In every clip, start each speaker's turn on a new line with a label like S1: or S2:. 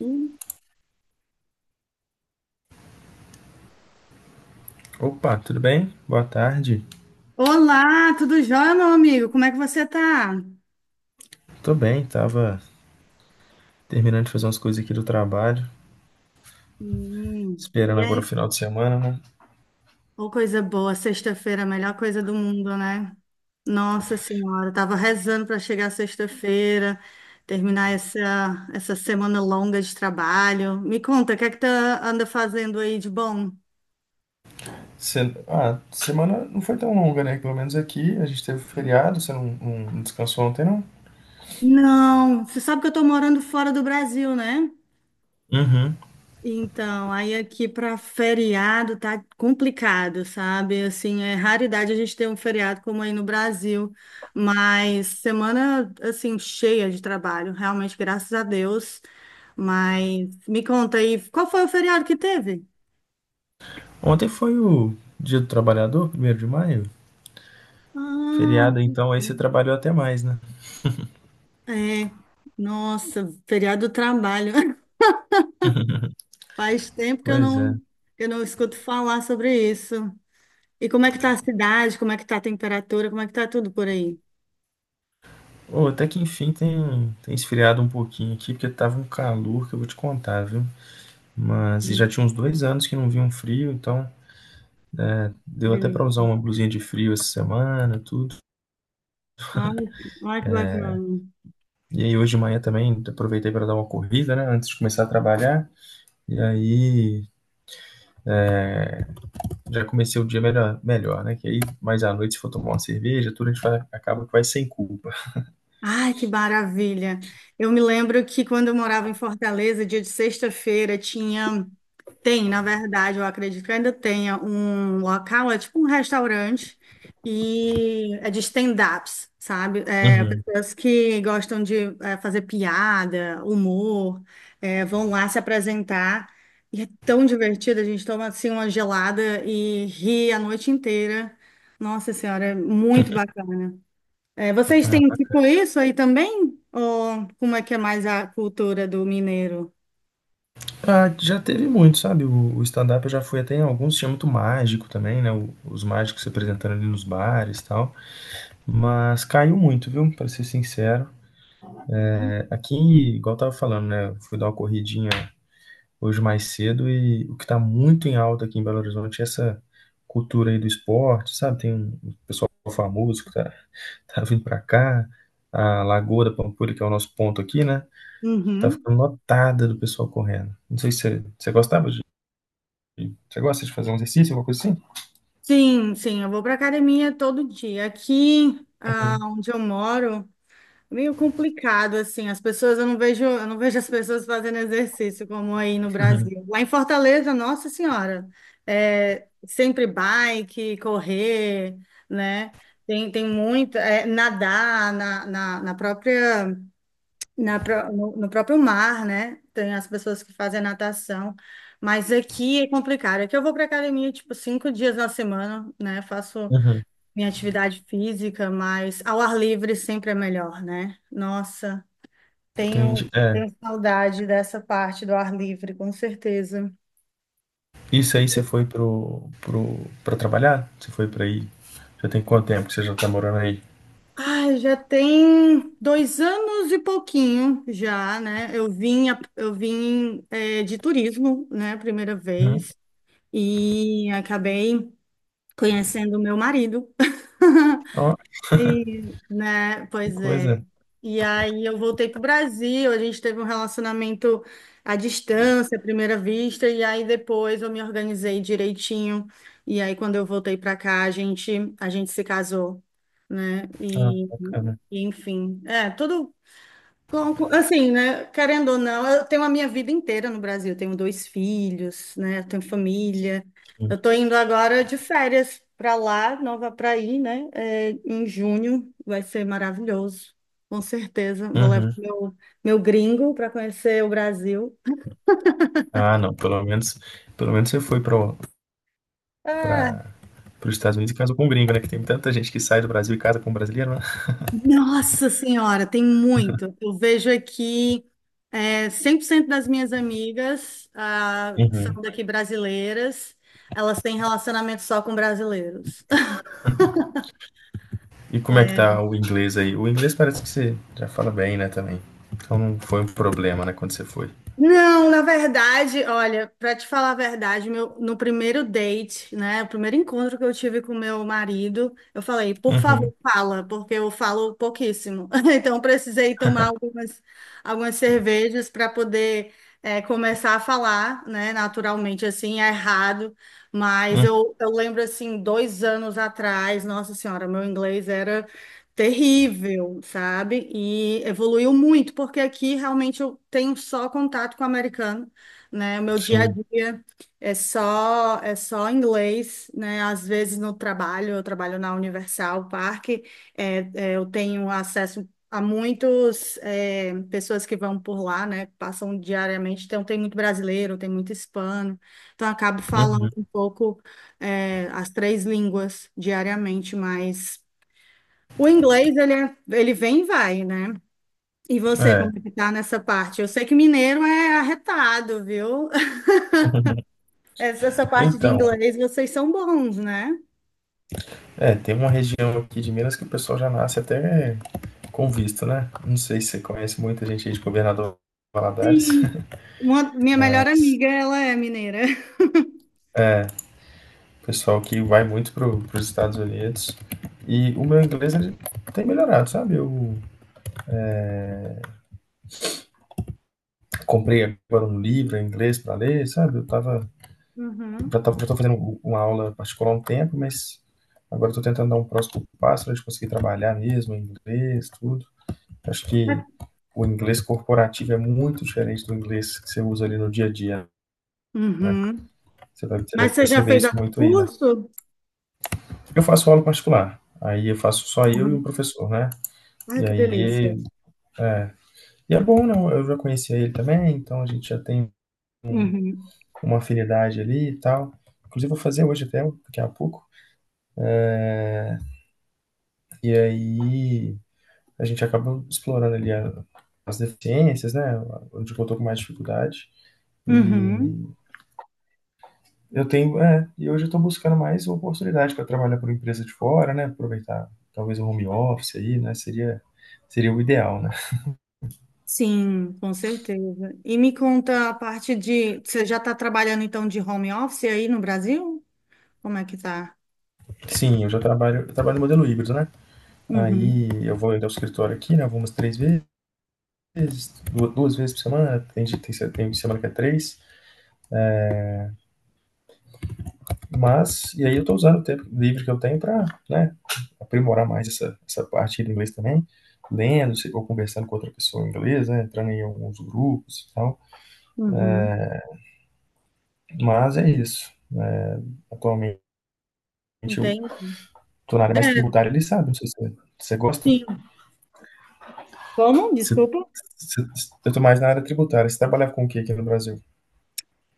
S1: Hum.
S2: Opa, tudo bem? Boa tarde.
S1: Olá, tudo jóia, meu amigo? Como é que você tá?
S2: Tô bem, tava terminando de fazer umas coisas aqui do trabalho,
S1: E
S2: esperando agora o
S1: aí,
S2: final de semana, né?
S1: ô coisa boa, sexta-feira, a melhor coisa do mundo, né? Nossa Senhora, eu tava rezando para chegar sexta-feira, terminar essa semana longa de trabalho. Me conta, o que é que tu anda fazendo aí de bom?
S2: Semana não foi tão longa, né? Pelo menos aqui a gente teve feriado, você não descansou ontem, não?
S1: Não, você sabe que eu tô morando fora do Brasil, né?
S2: Uhum.
S1: Então, aí aqui para feriado tá complicado, sabe? Assim, é raridade a gente ter um feriado como aí no Brasil, mas semana assim cheia de trabalho, realmente, graças a Deus. Mas me conta aí, qual foi o feriado que teve?
S2: Ontem foi o Dia do Trabalhador, primeiro de maio.
S1: Ah,
S2: Feriado, então, aí você trabalhou até mais, né?
S1: é. Nossa, feriado do trabalho. Faz tempo que eu
S2: Pois
S1: não
S2: é.
S1: que eu não escuto falar sobre isso. E como é que tá a cidade? Como é que tá a temperatura? Como é que tá tudo por aí?
S2: Ô, até que enfim tem esfriado um pouquinho aqui, porque tava um calor que eu vou te contar, viu? Mas e já
S1: Hum.
S2: tinha uns 2 anos que não vinha um frio, então deu até para
S1: Delícia.
S2: usar uma blusinha de frio essa semana, tudo.
S1: Ai, ai, que bacana.
S2: E aí hoje de manhã também aproveitei para dar uma corrida, né, antes de começar a trabalhar. E aí já comecei o dia melhor, né? Que aí mais à noite se for tomar uma cerveja, tudo a gente vai, acaba que vai sem culpa.
S1: Ai, que maravilha. Eu me lembro que quando eu morava em Fortaleza, dia de sexta-feira, na verdade, eu acredito que ainda tenha um local, é tipo um restaurante, e é de stand-ups, sabe?
S2: Uhum.
S1: Pessoas que gostam de fazer piada, humor, vão lá se apresentar. E é tão divertido, a gente toma assim uma gelada e ri a noite inteira. Nossa Senhora, é muito bacana. É, vocês
S2: Ah,
S1: têm
S2: bacana.
S1: tipo isso aí também? Ou como é que é mais a cultura do mineiro?
S2: Ah, já teve muito, sabe? O stand-up eu já fui até em alguns, tinha muito mágico também, né? Os mágicos se apresentando ali nos bares e tal. Mas caiu muito, viu? Para ser sincero. É. Aqui, igual eu tava falando, né? Eu fui dar uma corridinha hoje mais cedo, e o que está muito em alta aqui em Belo Horizonte é essa cultura aí do esporte, sabe? Tem um pessoal famoso que tá, tá vindo para cá, a Lagoa da Pampulha, que é o nosso ponto aqui, né? Tá
S1: Uhum.
S2: ficando lotada do pessoal correndo. Não sei se você gosta de fazer um exercício, alguma coisa assim?
S1: Sim, sim, eu vou para academia todo dia. Aqui, ah,
S2: Uhum,
S1: onde eu moro, é meio complicado assim. As pessoas, eu não vejo as pessoas fazendo exercício como aí no
S2: uhum,
S1: Brasil. Lá em Fortaleza, nossa senhora, é sempre bike, correr, né? Tem muito, nadar na, na, na própria Na, pró- no, no próprio mar, né? Tem as pessoas que fazem natação, mas aqui é complicado. Aqui eu vou para academia, tipo, cinco dias na semana, né? Faço
S2: uhum.
S1: minha atividade física, mas ao ar livre sempre é melhor, né? Nossa,
S2: Entendi.
S1: tenho,
S2: É,
S1: tenho saudade dessa parte do ar livre, com certeza.
S2: isso aí você foi para trabalhar? Você foi para aí? Já tem quanto tempo que você já tá morando aí?
S1: Ai, já tem dois anos e pouquinho já, né? Eu vim, de turismo, né? Primeira
S2: Uhum.
S1: vez. E acabei conhecendo o meu marido.
S2: Ó,
S1: E, né,
S2: que
S1: pois é.
S2: coisa.
S1: E aí eu voltei para o Brasil, a gente teve um relacionamento à distância, à primeira vista, e aí depois eu me organizei direitinho. E aí quando eu voltei para cá, a gente se casou, né?
S2: Ah, bacana.
S1: Enfim, é, tudo Assim, né? Querendo ou não, eu tenho a minha vida inteira no Brasil. Eu tenho dois filhos, né? Eu tenho família. Eu tô indo agora de férias para lá, Nova para ir, né? É, em junho vai ser maravilhoso, com certeza. Vou levar
S2: Uhum.
S1: meu gringo para conhecer o Brasil.
S2: Ah, não, pelo menos você foi para
S1: Ah,
S2: para os Estados Unidos e casou com um gringo, né? Que tem tanta gente que sai do Brasil e casa com um brasileiro, né?
S1: Nossa Senhora, tem muito. Eu vejo aqui 100% das minhas amigas ah, que
S2: Uhum.
S1: são daqui brasileiras, elas têm relacionamento só com brasileiros.
S2: E como é que tá o inglês aí? O inglês parece que você já fala bem, né, também. Então não foi um problema, né, quando você foi.
S1: Não, na verdade, olha, para te falar a verdade, meu, no primeiro date, né, o primeiro encontro que eu tive com meu marido, eu falei, por favor,
S2: Uhum,
S1: fala, porque eu falo pouquíssimo. Então, precisei tomar algumas cervejas para poder começar a falar, né, naturalmente, assim, é errado. Mas
S2: uhum,
S1: eu lembro, assim, dois anos atrás, nossa senhora, meu inglês era terrível, sabe? E evoluiu muito, porque aqui realmente eu tenho só contato com o americano, né? O meu dia a
S2: sim,
S1: dia é só inglês, né? Às vezes no trabalho, eu trabalho na Universal Park, eu tenho acesso a muitas pessoas que vão por lá, né? Que passam diariamente, então tem muito brasileiro, tem muito hispano, então eu acabo
S2: uhum,
S1: falando um pouco as três línguas diariamente, mas o inglês, ele vem e vai, né? E você, como
S2: é.
S1: que tá nessa parte? Eu sei que mineiro é arretado, viu? Essa parte de
S2: Então,
S1: inglês, vocês são bons, né?
S2: é, tem uma região aqui de Minas que o pessoal já nasce até com visto, né? Não sei se você conhece muita gente aí de Governador Valadares,
S1: Sim. Uma- minha melhor amiga, ela é mineira.
S2: pessoal que vai muito para os Estados Unidos. E o meu inglês ele tem melhorado, sabe? Eu comprei agora um livro em inglês para ler, sabe? Eu tava, já
S1: Uhum.
S2: tava, já tô fazendo uma aula particular há um tempo, mas agora estou tentando dar um próximo passo para a gente conseguir trabalhar mesmo em inglês, tudo. Acho que o inglês corporativo é muito diferente do inglês que você usa ali no dia a dia.
S1: Uhum.
S2: Você
S1: Mas
S2: deve
S1: você já
S2: perceber
S1: fez
S2: isso
S1: algum
S2: muito aí, né?
S1: curso?
S2: Eu faço aula particular, aí eu faço só eu e um
S1: Uhum.
S2: professor, né?
S1: Ai,
S2: E
S1: que delícia.
S2: aí é, E é bom, não? Eu já conhecia ele também, então a gente já tem
S1: Uhum.
S2: uma afinidade ali e tal. Inclusive, vou fazer hoje até, daqui a pouco. E aí a gente acaba explorando ali as deficiências, né? Onde que eu tô com mais dificuldade.
S1: Uhum.
S2: E e hoje eu tô buscando mais oportunidade para trabalhar por empresa de fora, né? Aproveitar talvez o home office aí, né? Seria o ideal, né?
S1: Sim, com certeza. E me conta a parte de... Você já está trabalhando, então, de home office aí no Brasil? Como é que tá?
S2: Sim, eu trabalho no modelo híbrido, né? Aí
S1: Uhum,
S2: eu vou ainda ao escritório aqui, né? Eu vou umas três vezes, 2 vezes por semana, né? tem, dia- tem, se- tem semana que é 3, mas, e aí eu tô usando o tempo livre que eu tenho para, né, aprimorar mais essa parte do inglês também, lendo, ou conversando com outra pessoa em inglês, né, entrando em alguns grupos e tal,
S1: uhum.
S2: mas é isso. Atualmente eu
S1: Entende?
S2: tô na área mais
S1: É,
S2: tributária, ele sabe, não sei se você gosta,
S1: sim. Como?
S2: você,
S1: Desculpa.
S2: você, eu tô mais na área tributária, você trabalha com o que aqui no Brasil?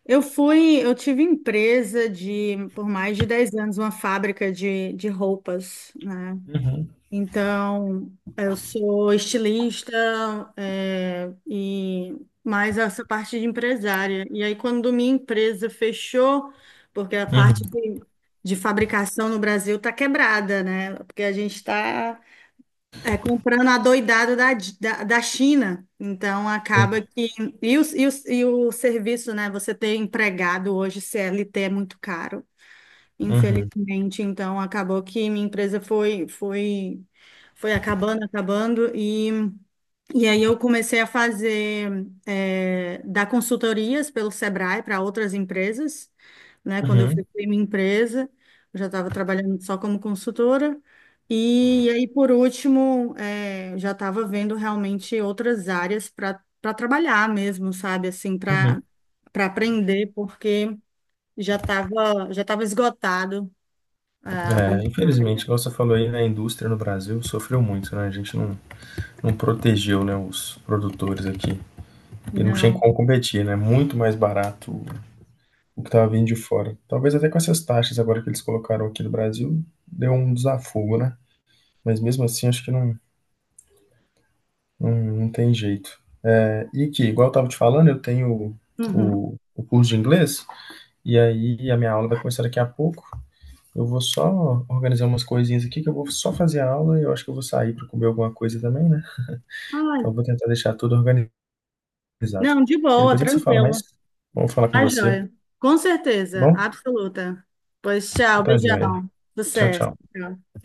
S1: Eu tive empresa de, por mais de 10 anos, uma fábrica de roupas, né?
S2: Uhum,
S1: Então, eu sou estilista, e mais essa parte de empresária. E aí, quando minha empresa fechou, porque a
S2: uhum,
S1: parte de fabricação no Brasil está quebrada, né? Porque a gente está É, comprando a doidada da China. Então,
S2: sim,
S1: acaba que. E o serviço, né? Você ter empregado hoje, CLT, é muito caro,
S2: uhum,
S1: infelizmente. Então, acabou que minha empresa foi acabando. E aí eu comecei a fazer, dar consultorias pelo Sebrae para outras empresas, né? Quando eu
S2: uhum,
S1: fechei minha empresa, eu já estava trabalhando só como consultora. E, aí, por último, já estava vendo realmente outras áreas para trabalhar mesmo, sabe? Assim,
S2: uhum.
S1: para aprender, porque já estava esgotado, ah, a
S2: É,
S1: minha
S2: infelizmente,
S1: área.
S2: igual você falou aí, né, a indústria no Brasil sofreu muito, né? A gente não protegeu, né, os produtores aqui. E não tinha como
S1: Não.
S2: competir, né? Muito mais barato o que estava vindo de fora. Talvez até com essas taxas agora que eles colocaram aqui no Brasil, deu um desafogo, né? Mas mesmo assim, acho que não tem jeito. É, e aqui, igual eu estava te falando, eu tenho
S1: Uhum.
S2: o curso de inglês, e aí a minha aula vai começar daqui a pouco. Eu vou só organizar umas coisinhas aqui, que eu vou só fazer a aula e eu acho que eu vou sair para comer alguma coisa também, né?
S1: Ai,
S2: Então eu vou tentar deixar tudo organizado.
S1: não, de
S2: Aí
S1: boa,
S2: depois a gente se fala mais.
S1: tranquilo.
S2: Vamos falar com
S1: Tá
S2: você,
S1: joia. Com
S2: tá
S1: certeza,
S2: bom?
S1: absoluta. Pois tchau,
S2: Tá joia.
S1: beijão.
S2: Tchau,
S1: Sucesso.
S2: tchau.
S1: Tchau.